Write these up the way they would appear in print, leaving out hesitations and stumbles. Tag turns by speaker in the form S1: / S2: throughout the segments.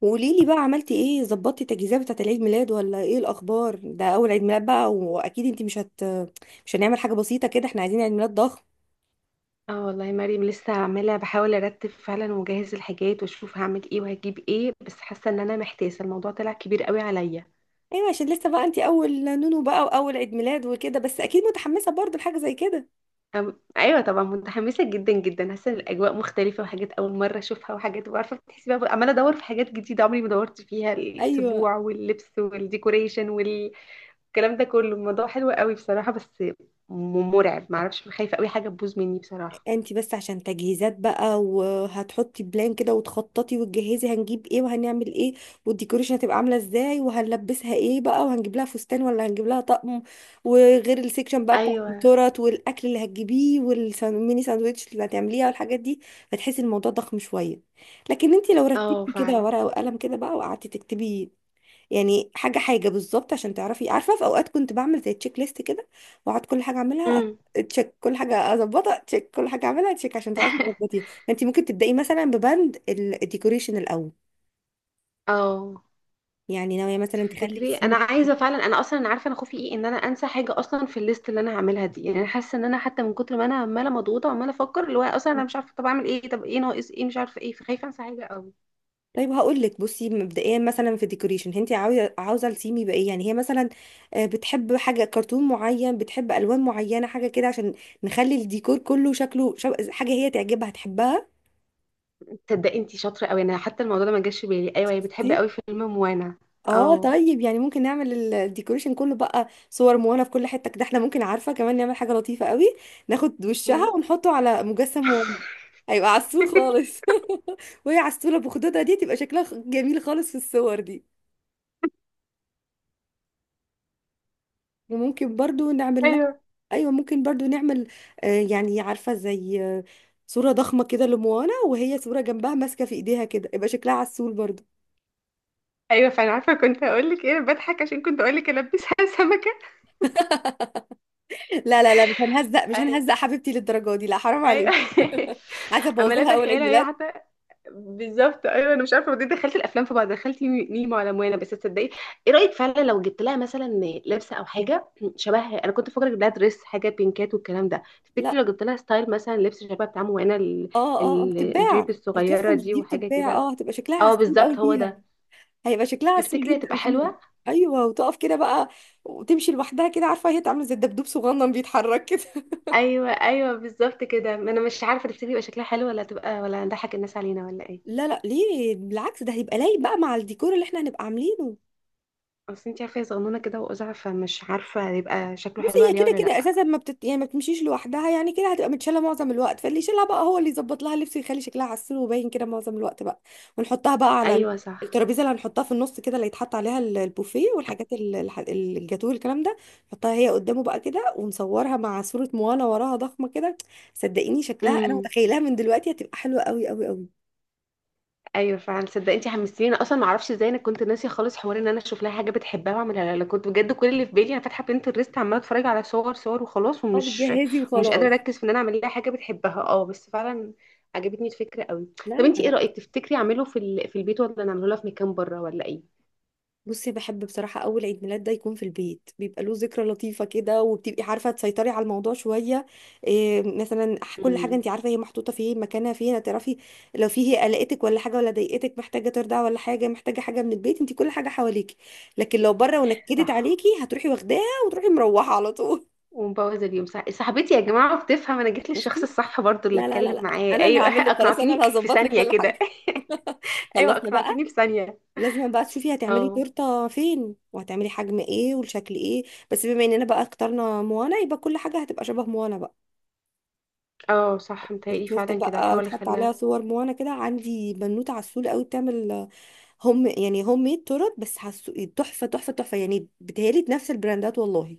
S1: وقولي لي بقى، عملتي ايه؟ ظبطتي التجهيزات بتاعت العيد ميلاد ولا ايه الاخبار؟ ده اول عيد ميلاد بقى، واكيد انت مش هنعمل حاجه بسيطه كده، احنا عايزين عيد ميلاد ضخم.
S2: اه والله يا مريم، لسه عماله بحاول ارتب فعلا واجهز الحاجات واشوف هعمل ايه وهجيب ايه. بس حاسه ان انا محتاسه، الموضوع طلع كبير قوي عليا.
S1: ايوه، عشان لسه بقى انت اول نونو بقى واول عيد ميلاد وكده، بس اكيد متحمسه برضه لحاجه زي كده.
S2: ايوه طبعا، متحمسه جدا جدا. حاسه ان الاجواء مختلفه وحاجات اول مره اشوفها، وحاجات، وعارفه بتحسي بقى، عماله ادور في حاجات جديده عمري ما دورت فيها،
S1: ايوه،
S2: السبوع واللبس والديكوريشن والكلام ده كله. الموضوع حلو قوي بصراحه، بس مرعب. معرفش، خايفه قوي حاجه تبوظ مني بصراحه.
S1: انت بس عشان تجهيزات بقى وهتحطي بلان كده وتخططي وتجهزي، هنجيب ايه وهنعمل ايه والديكوريشن هتبقى عامله ازاي وهنلبسها ايه بقى، وهنجيب لها فستان ولا هنجيب لها طقم، وغير السيكشن بقى بتاع
S2: ايوه.
S1: التورت والاكل اللي هتجيبيه والميني ساندوتش اللي هتعمليها والحاجات دي، فتحسي الموضوع ضخم شويه. لكن انت لو
S2: اه
S1: رتبتي كده
S2: فعلا.
S1: ورقه وقلم كده بقى وقعدتي تكتبي، يعني حاجه حاجه بالظبط، عشان تعرفي. عارفه، في اوقات كنت بعمل زي تشيك ليست كده، واقعد كل حاجه اعملها
S2: امم.
S1: تشيك، كل حاجه اظبطها تشيك، كل حاجه اعملها تشيك، عشان تعرفي تظبطيها. فانت ممكن تبداي مثلا ببند الديكوريشن الاول.
S2: اه.
S1: يعني ناويه مثلا تخلي
S2: تفتكري انا
S1: السيم؟
S2: عايزه فعلا؟ انا اصلا انا عارفه انا خوفي ايه، ان انا انسى حاجه اصلا في الليست اللي انا هعملها دي. يعني انا حاسه ان انا حتى من كتر ما انا عماله مضغوطه وعماله افكر، اللي هو اصلا انا مش عارفه طب اعمل ايه، طب ايه ناقص، ايه مش عارفه ايه، فخايفه انسى حاجه قوي.
S1: طيب هقول لك، بصي، مبدئيا مثلا في الديكوريشن، انت عاوزه السيم يبقى ايه؟ يعني هي مثلا بتحب حاجه كرتون معين، بتحب الوان معينه، حاجه كده عشان نخلي الديكور كله شكله حاجه هي تعجبها تحبها.
S2: تصدقي انتي شاطره قوي، انا حتى الموضوع ده ما جاش في بالي. ايوه هي بتحب قوي فيلم موانا.
S1: اه
S2: اه.
S1: طيب، يعني ممكن نعمل الديكوريشن كله بقى صور موانا في كل حتة كده. احنا ممكن، عارفة، كمان نعمل حاجة لطيفة قوي، ناخد وشها
S2: مم.
S1: ونحطه على مجسم موانا، هيبقى عسول خالص. وهي عسولة بخدودها دي تبقى شكلها جميل خالص في الصور دي. وممكن برضو نعمل لها،
S2: ايوه
S1: ايوه ممكن برضو نعمل، يعني عارفة زي صورة ضخمة كده لموانا، وهي صورة جنبها ماسكة في ايديها كده، يبقى شكلها عسول برضو.
S2: ايوه، فانا عارفه كنت هقول لك ايه. أنا بضحك عشان كنت اقول لك البسها سمكه.
S1: لا لا لا، مش هنهزق، مش
S2: ايوه
S1: هنهزق حبيبتي للدرجة دي، لا حرام
S2: ايوه.
S1: عليك. عايزة ابوظ
S2: عماله
S1: لها اول عيد
S2: اتخيلها هي
S1: ميلاد.
S2: حتى. بالظبط. ايوه، انا مش عارفه، ودي دخلت الافلام في بعض، دخلت نيمو على موانا. بس تصدقي، ايه رايك فعلا لو جبت لها مثلا لبسه او حاجه شبه، انا كنت فاكره اجيب لها دريس، حاجه بينكات والكلام ده. تفتكري
S1: لا.
S2: لو جبت لها ستايل مثلا لبس شبه بتاع موانا،
S1: اه اه،
S2: الجيب
S1: بتتباع
S2: الصغيره
S1: الكاستمز
S2: دي
S1: دي،
S2: وحاجه
S1: بتتباع،
S2: كده؟
S1: هتبقى شكلها
S2: اه
S1: عسول قوي
S2: بالظبط، هو
S1: فيها.
S2: ده.
S1: هيبقى شكلها عسول
S2: تفتكري هتبقى
S1: جدا فيها.
S2: حلوه؟
S1: ايوه، وتقف كده بقى وتمشي لوحدها كده. عارفه هي تعمل زي الدبدوب صغنن بيتحرك كده.
S2: ايوه ايوه بالظبط كده. ما انا مش عارفه تفتكري يبقى شكلها حلو ولا تبقى، ولا نضحك الناس علينا، ولا ايه؟
S1: لا لا، ليه؟ بالعكس، ده هيبقى لايق بقى مع الديكور اللي احنا هنبقى عاملينه.
S2: اصل انت عارفه هي صغنونه كده واقزع، فمش عارفه هيبقى شكله
S1: بصي،
S2: حلو
S1: هي
S2: عليها
S1: كده
S2: ولا
S1: كده
S2: لا.
S1: اساسا ما بتت... يعني ما بتمشيش لوحدها، يعني كده هتبقى متشاله معظم الوقت، فاللي يشيلها بقى هو اللي يظبط لها اللبس ويخلي شكلها عسول وباين كده معظم الوقت بقى. ونحطها بقى على
S2: ايوه صح.
S1: الترابيزه اللي هنحطها في النص كده، اللي يتحط عليها البوفيه والحاجات الجاتوه والكلام ده. نحطها هي قدامه بقى كده ونصورها مع صوره موانا وراها ضخمه كده. صدقيني شكلها، انا
S2: امم.
S1: متخيلها من دلوقتي هتبقى حلوه قوي قوي قوي.
S2: ايوه فعلا، صدق انت حمستيني. انا اصلا ما اعرفش ازاي، انا كنت ناسيه خالص حوار ان انا اشوف لها حاجه بتحبها واعملها لها. لا، كنت بجد كل اللي في بالي انا فاتحه بنترست، عماله اتفرج على صور صور وخلاص،
S1: اه،
S2: ومش
S1: بتجهزي
S2: ومش قادره
S1: وخلاص.
S2: اركز في ان انا اعمل لها حاجه بتحبها. اه بس فعلا، عجبتني الفكره قوي.
S1: لا،
S2: طب انت ايه
S1: انا،
S2: رايك، تفتكري اعمله في البيت ولا نعمله لها في مكان بره ولا ايه؟
S1: بصي، بحب بصراحة أول عيد ميلاد ده يكون في البيت، بيبقى له ذكرى لطيفة كده، وبتبقي عارفة تسيطري على الموضوع شوية. إيه مثلا، كل حاجة
S2: امم.
S1: أنت عارفة هي محطوطة فين، مكانها فين هتعرفي. لو في هي قلقتك ولا حاجة، ولا ضايقتك محتاجة ترضع ولا حاجة، محتاجة حاجة من البيت، أنت كل حاجة حواليكي. لكن لو بره ونكدت
S2: صح.
S1: عليكي، هتروحي واخداها وتروحي مروحة على طول.
S2: ومبوظ اليوم، صح؟ صاحبتي يا جماعه بتفهم، انا جيت للشخص
S1: شفتي؟
S2: الصح برضو اللي
S1: لا لا لا
S2: اتكلم
S1: لا،
S2: معاه،
S1: أنا اللي
S2: ايوه.
S1: هعمل لك، خلاص، أنا
S2: اقنعتيني
S1: اللي
S2: في
S1: هظبط لك
S2: ثانيه
S1: كل
S2: كده.
S1: حاجة.
S2: ايوه
S1: خلصنا بقى.
S2: اقنعتيني في ثانيه.
S1: لازم بقى تشوفي هتعملي
S2: اه
S1: تورته فين وهتعملي حجم ايه والشكل ايه. بس بما اننا بقى اخترنا موانا، يبقى كل حاجه هتبقى شبه موانا بقى.
S2: اه صح، متهيألي
S1: التورته
S2: فعلا كده
S1: بقى
S2: هحاول
S1: تحط عليها
S2: اخليها.
S1: صور موانا كده. عندي بنوته عسول قوي بتعمل يعني هوم ميد تورت، بس حسو تحفه تحفه تحفه، يعني بتهيالي نفس البراندات والله.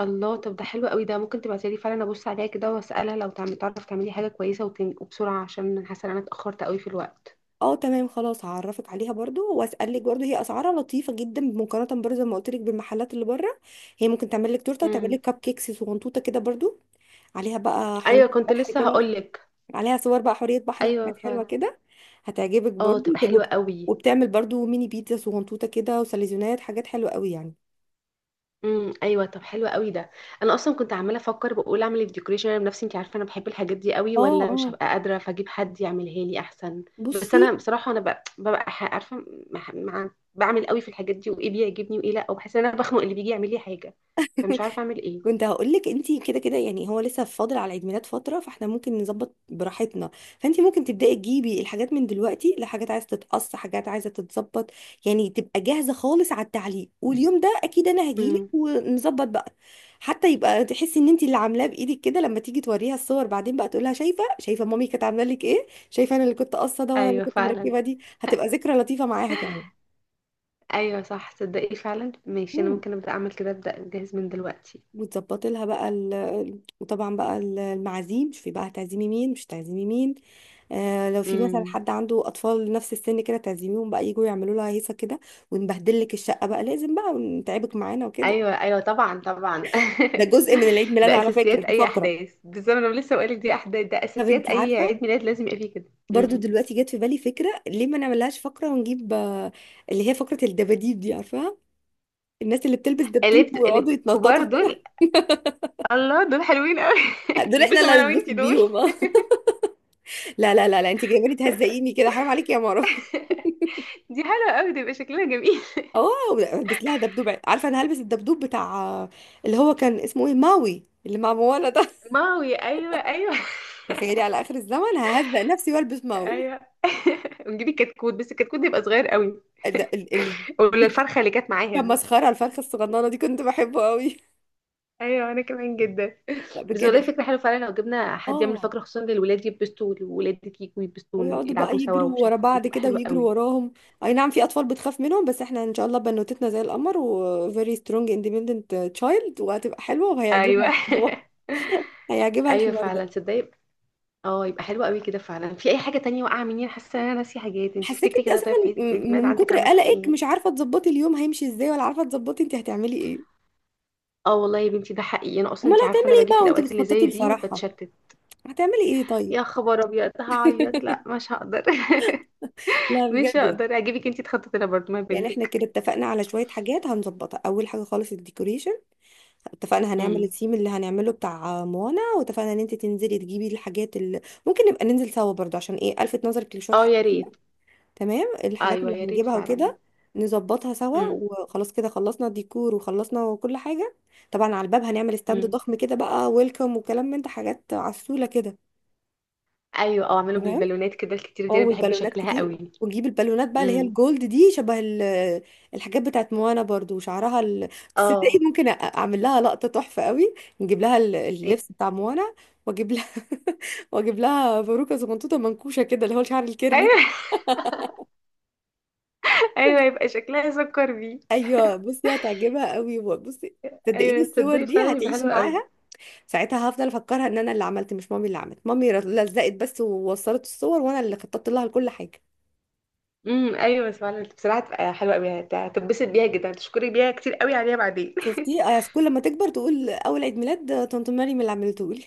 S2: الله، طب ده حلو قوي. ده ممكن تبعتيلي فعلا ابص عليها كده واسالها لو تعرف تعملي حاجه كويسه وبسرعه، عشان أنا حاسه ان انا اتاخرت قوي في الوقت.
S1: اه تمام، خلاص هعرفك عليها برضو واسالك برضو، هي اسعارها لطيفه جدا، مقارنه برضو زي ما قلت لك بالمحلات اللي بره. هي ممكن تعمل لك تورته وتعمل
S2: امم.
S1: لك كب كيكس صغنطوطه كده برضو، عليها بقى حلوة
S2: ايوه كنت
S1: بحر
S2: لسه
S1: كده،
S2: هقولك.
S1: عليها صور بقى حورية بحر
S2: ايوه
S1: وحاجات حلوة
S2: فعلا.
S1: كده، هتعجبك
S2: اه
S1: برضو
S2: تبقى حلوه قوي.
S1: وبتعمل برضو ميني بيتزا صغنطوطة كده وسليزونات، حاجات حلوة قوي يعني.
S2: ايوه، طب حلو قوي ده. انا اصلا كنت عماله افكر بقول اعمل الديكوريشن انا بنفسي، انت عارفه انا بحب الحاجات دي قوي،
S1: اه
S2: ولا مش
S1: اه،
S2: هبقى قادره فاجيب حد يعملها لي احسن. بس
S1: بصي،
S2: انا بصراحه انا ببقى عارفه، بعمل قوي في الحاجات دي وايه بيعجبني وايه لا، وبحس ان انا بخنق اللي بيجي يعمل لي حاجه، فمش عارفه اعمل ايه.
S1: كنت هقولك انتي كده كده، يعني هو لسه فاضل على عيد ميلاد فترة، فاحنا ممكن نظبط براحتنا. فانتي ممكن تبدأي تجيبي الحاجات من دلوقتي، لحاجات عايزة تتقص، حاجات عايزة تتظبط، يعني تبقى جاهزة خالص على التعليق. واليوم ده اكيد انا هجيلك
S2: امم.
S1: ونظبط بقى، حتى يبقى تحسي ان انتي اللي عاملاه بايدك كده، لما تيجي توريها الصور بعدين بقى تقولها شايفة، شايفة مامي كانت عاملة لك ايه، شايفة انا اللي كنت قاصة ده، وانا اللي
S2: ايوه
S1: كنت
S2: فعلا.
S1: مركبة دي، هتبقى ذكرى لطيفة معاها كمان.
S2: ايوه صح تصدقي فعلا، ماشي، انا
S1: إمم.
S2: ممكن ابدا اعمل كده، ابدا اجهز من دلوقتي.
S1: وتظبطي لها بقى وطبعا بقى المعازيم. شوفي بقى هتعزمي مين مش هتعزمي مين. لو في مثلا
S2: امم.
S1: حد عنده اطفال نفس السن كده تعزميهم بقى يجوا يعملوا لها هيصه كده. ونبهدل لك الشقه بقى، لازم بقى نتعبك معانا وكده،
S2: ايوه ايوه طبعا طبعا.
S1: ده جزء من العيد ميلاد
S2: ده
S1: على فكره،
S2: اساسيات
S1: دي
S2: اي
S1: فقره.
S2: احداث، بالظبط انا لسه بقولك دي احداث، ده
S1: طب
S2: اساسيات
S1: انت
S2: اي
S1: عارفه،
S2: عيد ميلاد لازم يبقى فيه كده.
S1: برضو
S2: امم.
S1: دلوقتي جت في بالي فكره، ليه ما نعملهاش فقره ونجيب، اللي هي فقره الدباديب دي، عارفاها، الناس اللي بتلبس دبدوب
S2: قلبت
S1: ويقعدوا
S2: قلب، كبار
S1: يتنططوا.
S2: دول. الله، دول حلوين قوي.
S1: دول احنا اللي
S2: البسهم انا
S1: هنتبسط
S2: وانتي دول.
S1: بيهم. لا لا لا لا، انت جايباني تهزقيني كده، حرام عليكي يا مرة.
S2: دي حلوه قوي، ده يبقى شكلنا جميل.
S1: اه، هلبس لها دبدوب. عارفه انا هلبس الدبدوب بتاع، اللي هو كان اسمه ايه، ماوي، اللي مع موانا ده.
S2: ماوي، ايوه ايوه.
S1: تخيلي على اخر الزمن ههزق نفسي والبس ماوي.
S2: ايوه. ونجيب الكتكوت، بس الكتكوت ده يبقى صغير قوي،
S1: ال ال ال
S2: ولا
S1: دي،
S2: الفرخه اللي كانت معاها
S1: كان
S2: دي؟
S1: مسخره الفرخه الصغننه دي، كنت بحبه قوي.
S2: ايوه انا كمان جدا.
S1: لا
S2: بس والله
S1: بجد.
S2: فكره حلوه فعلا، لو جبنا حد يعمل
S1: اه،
S2: فقره خصوصا للولاد يلبسوا، والولاد كيك ويلبسوا
S1: ويقعدوا بقى
S2: يلعبوا سوا،
S1: يجروا
S2: ومش
S1: ورا
S2: عارفه ايه،
S1: بعض
S2: تبقى
S1: كده
S2: حلوه
S1: ويجروا
S2: قوي.
S1: وراهم. اي نعم، في اطفال بتخاف منهم، بس احنا ان شاء الله بنوتتنا زي القمر و very strong independent child، وهتبقى حلوه
S2: ايوه.
S1: وهيعجبها الموضوع. هيعجبها
S2: ايوه
S1: الحوار
S2: فعلا
S1: ده.
S2: تصدقي. اه يبقى حلو قوي كده فعلا. في اي حاجه تانية واقعه مني؟ انا حاسه ان انا ناسيه حاجات. انت
S1: حساك
S2: افتكري
S1: انت
S2: كده،
S1: اساسا،
S2: طيب في عيد في عيد الميلاد
S1: من
S2: عندك
S1: كتر
S2: عملتي
S1: قلقك
S2: ايه؟
S1: مش عارفه تظبطي اليوم هيمشي ازاي، ولا عارفه تظبطي انت هتعملي ايه.
S2: اه والله يا بنتي ده حقيقي، انا اصلا
S1: امال
S2: انت عارفه انا
S1: هتعملي ايه
S2: باجي في
S1: بقى وانت
S2: الاوقات اللي
S1: بتخططي
S2: زي دي
S1: الفرحه؟
S2: وبتشتت.
S1: هتعملي ايه طيب؟
S2: يا خبر ابيض، هعيط، لا مش هقدر.
S1: لا
S2: مش
S1: بجد يعني
S2: هقدر اجيبك انت تخططي لها برضه، ما
S1: يعني احنا
S2: بنتك.
S1: كده اتفقنا على شويه حاجات هنظبطها. اول حاجه خالص الديكوريشن، اتفقنا هنعمل
S2: امم.
S1: الثيم اللي هنعمله بتاع موانا، واتفقنا ان انت تنزلي تجيبي الحاجات اللي، ممكن نبقى ننزل سوا برضه، عشان ايه، الفت نظرك لشويه
S2: اه
S1: حاجات،
S2: يا ريت.
S1: تمام، الحاجات
S2: ايوه
S1: اللي
S2: يا ريت
S1: هنجيبها
S2: فعلا.
S1: وكده، نظبطها سوا
S2: امم.
S1: وخلاص. كده خلصنا الديكور وخلصنا كل حاجة. طبعا على الباب هنعمل ستاند
S2: امم
S1: ضخم كده بقى، ويلكم وكلام من ده، حاجات عسولة كده.
S2: ايوه، اه اعملوا
S1: تمام.
S2: بالبالونات كده الكتير
S1: اه
S2: دي، انا بحب
S1: والبالونات
S2: شكلها
S1: كتير،
S2: قوي.
S1: ونجيب البالونات بقى اللي هي
S2: امم.
S1: الجولد دي شبه الحاجات بتاعت موانا برضو، وشعرها تصدقي
S2: اه.
S1: ممكن اعمل لها لقطة تحفة قوي، نجيب لها
S2: إيه.
S1: اللبس بتاع موانا، واجيب لها، واجيب لها باروكة صغنطوطة منكوشة كده، اللي هو الشعر الكيرلي.
S2: ايوه. ايوه يبقى شكلها سكر بيه.
S1: ايوه، بصي هتعجبها قوي، بصي صدقيني
S2: ايوه
S1: الصور
S2: تصدقي
S1: دي
S2: فعلا يبقى
S1: هتعيش
S2: حلوة قوي.
S1: معاها. ساعتها هفضل افكرها ان انا اللي عملت، مش مامي اللي عملت، مامي لزقت بس ووصلت الصور، وانا اللي خططت لها لكل حاجه.
S2: ايوه فعلا، بصراحة تبقى حلوة قوي، هتتبسط بيها جدا، هتشكري بيها كتير قوي عليها بعدين.
S1: شفتي؟ كل ما تكبر تقول اول عيد ميلاد طنط مريم اللي عملته لي.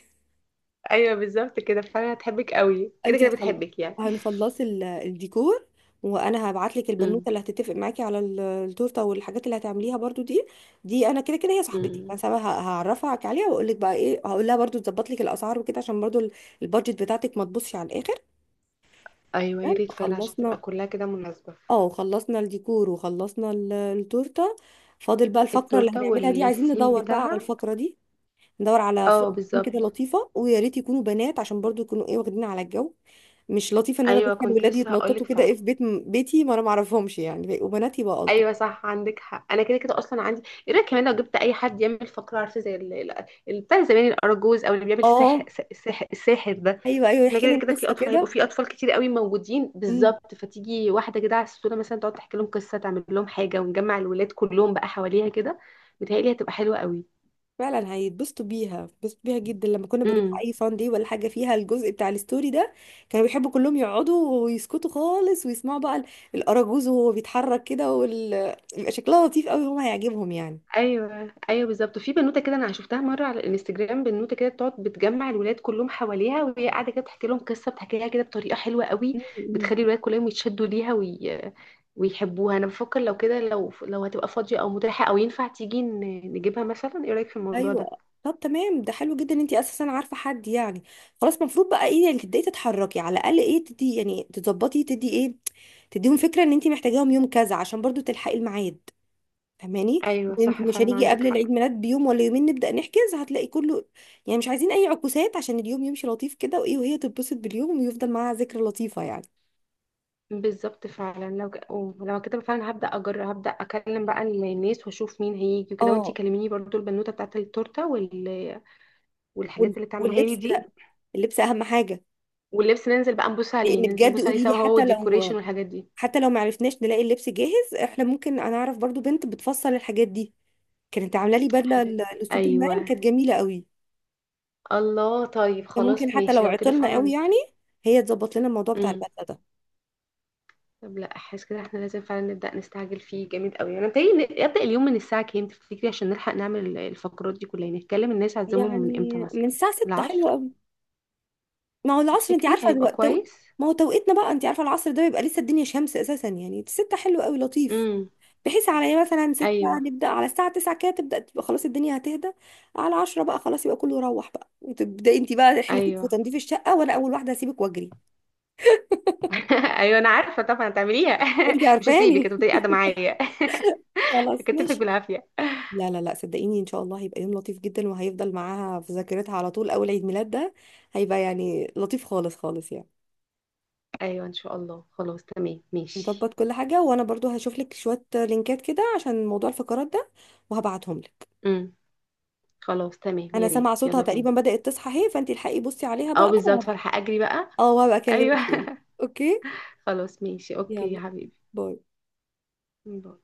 S2: ايوه بالظبط كده فعلا، هتحبك قوي، كده
S1: انت
S2: كده
S1: هتخل...
S2: بتحبك يعني.
S1: هنخلصي الديكور، وانا هبعت لك
S2: امم.
S1: البنوته اللي هتتفق معاكي على التورته والحاجات اللي هتعمليها برضو دي. دي انا كده كده هي صاحبتي،
S2: امم
S1: بس انا هعرفها عليها واقول لك بقى ايه. هقول لها برضو تظبط لك الاسعار وكده، عشان برضو البادجت بتاعتك ما تبصش على الاخر.
S2: ايوه يا
S1: تمام،
S2: ريت فعلا، عشان
S1: خلصنا.
S2: تبقى كلها كده مناسبة.
S1: اه، خلصنا الديكور وخلصنا التورته. فاضل بقى الفقره اللي
S2: التورتة
S1: هنعملها دي، عايزين
S2: والسيم
S1: ندور بقى على
S2: بتاعها.
S1: الفقره دي. ندور على فرق
S2: اه
S1: تكون كده
S2: بالظبط.
S1: لطيفه، ويا ريت يكونوا بنات، عشان برضو يكونوا، ايه، واخدين على الجو. مش لطيفه ان انا
S2: ايوه
S1: ادخل
S2: كنت
S1: ولادي
S2: لسه هقولك
S1: يتنططوا كده، ايه،
S2: فعلا.
S1: في بيت، بيتي، ما انا ما اعرفهمش يعني، وبناتي بقى الطف.
S2: ايوه صح عندك حق، انا كده كده اصلا عندي. ايه رايك كمان لو جبت اي حد يعمل فقره، عارفه زي بتاع زمان الارجوز او اللي بيعمل سحر،
S1: اه.
S2: سحر الساحر ده.
S1: ايوه ايوه،
S2: احنا
S1: يحكي
S2: كده
S1: لهم
S2: كده في
S1: قصه
S2: اطفال هيبقوا،
S1: كده.
S2: في اطفال كتير قوي موجودين،
S1: امم
S2: بالظبط فتيجي واحده كده على الصوره مثلا تقعد تحكي لهم قصه تعمل لهم حاجه، ونجمع الولاد كلهم بقى حواليها كده. متهيألي هتبقى حلوه قوي.
S1: فعلا هيتبسطوا بيها، بيتبسطوا بيها جدا. لما كنا بنروح
S2: امم.
S1: اي فان دي ولا حاجه فيها الجزء بتاع الستوري ده، كانوا بيحبوا كلهم يقعدوا ويسكتوا خالص ويسمعوا بقى الاراجوز، وهو بيتحرك كده بيبقى شكلها لطيف قوي، هم هيعجبهم يعني.
S2: ايوه ايوه بالظبط. وفي بنوته كده انا شفتها مره على الانستجرام، بنوته كده بتقعد بتجمع الولاد كلهم حواليها وهي قاعده كده بتحكي لهم قصه، بتحكيها كده بطريقه حلوه قوي،
S1: أمم.
S2: بتخلي الولاد كلهم يتشدوا ليها ويحبوها. انا بفكر لو كده، لو هتبقى فاضيه او متاحه او ينفع تيجي نجيبها مثلا، ايه رايك في الموضوع ده؟
S1: ايوه طب تمام، ده حلو جدا ان انت اساسا عارفه حد يعني. خلاص، المفروض بقى ايه، يعني تبداي تتحركي على الاقل، ايه، تدي يعني، تظبطي، تدي، ايه، تديهم فكره ان انت محتاجاهم يوم كذا، عشان برضو تلحقي الميعاد، فاهماني؟
S2: ايوه
S1: انت
S2: صح
S1: مش
S2: فعلا
S1: هنيجي
S2: عندك
S1: قبل العيد
S2: حق.
S1: ميلاد بيوم ولا يومين نبدا نحجز، هتلاقي كله، يعني مش عايزين اي عكوسات، عشان اليوم يمشي لطيف كده وايه، وهي تتبسط باليوم ويفضل معاها ذكرى لطيفه يعني.
S2: بالظبط فعلا لو أو لو كده فعلا هبدا اجرب، هبدا اكلم بقى الناس واشوف مين هيجي وكده. وانتي
S1: اه.
S2: كلميني برضو البنوته بتاعت التورته والحاجات اللي تعملها لي
S1: واللبس
S2: دي.
S1: ده، اللبس اهم حاجه.
S2: واللبس، ننزل بقى نبص عليه،
S1: لان
S2: ننزل
S1: بجد
S2: نبص عليه
S1: قولي لي،
S2: سوا هو
S1: حتى
S2: والديكوريشن
S1: لو
S2: والحاجات دي.
S1: حتى لو معرفناش نلاقي اللبس جاهز، احنا ممكن، انا اعرف برضو بنت بتفصل الحاجات دي، كانت عامله لي بدله
S2: حبيبتي
S1: لسوبرمان
S2: ايوه.
S1: كانت جميله قوي.
S2: الله طيب
S1: فممكن
S2: خلاص
S1: حتى
S2: ماشي
S1: لو
S2: لو كده
S1: عطلنا قوي
S2: فعلا.
S1: يعني، هي تظبط لنا الموضوع بتاع
S2: امم.
S1: البدله ده.
S2: طب لا، احس كده احنا لازم فعلا نبدا نستعجل فيه جامد قوي. انا متهيألي ابدا اليوم من الساعه كام تفتكري، عشان نلحق نعمل الفقرات دي كلها؟ يعني نتكلم الناس عزمهم من امتى
S1: يعني من
S2: مثلا.
S1: الساعه 6 حلوه
S2: العصر،
S1: قوي. ما هو العصر، انت
S2: تفتكري
S1: عارفه
S2: هيبقى
S1: الوقت
S2: كويس؟
S1: ما هو توقيتنا بقى، انت عارفه العصر ده بيبقى لسه الدنيا شمس اساسا، يعني 6 حلو قوي لطيف،
S2: امم.
S1: بحيث على ايه مثلا 6
S2: ايوه
S1: نبدا، على الساعه 9 كده تبدا تبقى خلاص الدنيا هتهدى، على 10 بقى خلاص يبقى كله يروح بقى، وتبداي انت بقى رحلتك في
S2: ايوه.
S1: تنظيف الشقه، وانا اول واحده هسيبك واجري.
S2: ايوه انا عارفه طبعا هتعمليها.
S1: انت
S2: مش هسيبك،
S1: عارفاني.
S2: هتفضلي قاعده معايا.
S1: خلاص
S2: هكتفك
S1: ماشي.
S2: بالعافيه.
S1: لا لا لا، صدقيني ان شاء الله هيبقى يوم لطيف جدا، وهيفضل معاها في ذاكرتها على طول اول عيد ميلاد ده، هيبقى يعني لطيف خالص خالص يعني.
S2: ايوه ان شاء الله. خلاص تمام ماشي.
S1: نظبط كل حاجة، وانا برضو هشوف لك شوية لينكات كده عشان موضوع الفقرات ده وهبعتهم لك.
S2: امم. خلاص تمام
S1: انا
S2: يا
S1: سامعة
S2: ريت،
S1: صوتها
S2: يلا بينا.
S1: تقريبا بدأت تصحى اهي، فانت الحقي بصي عليها
S2: اه
S1: بقى،
S2: بالظبط فرحة، اجري بقى.
S1: اه، وهبقى اكلمك
S2: ايوه.
S1: تاني. اوكي،
S2: خلاص ماشي، اوكي يا
S1: يلا،
S2: حبيبي،
S1: باي.
S2: باي.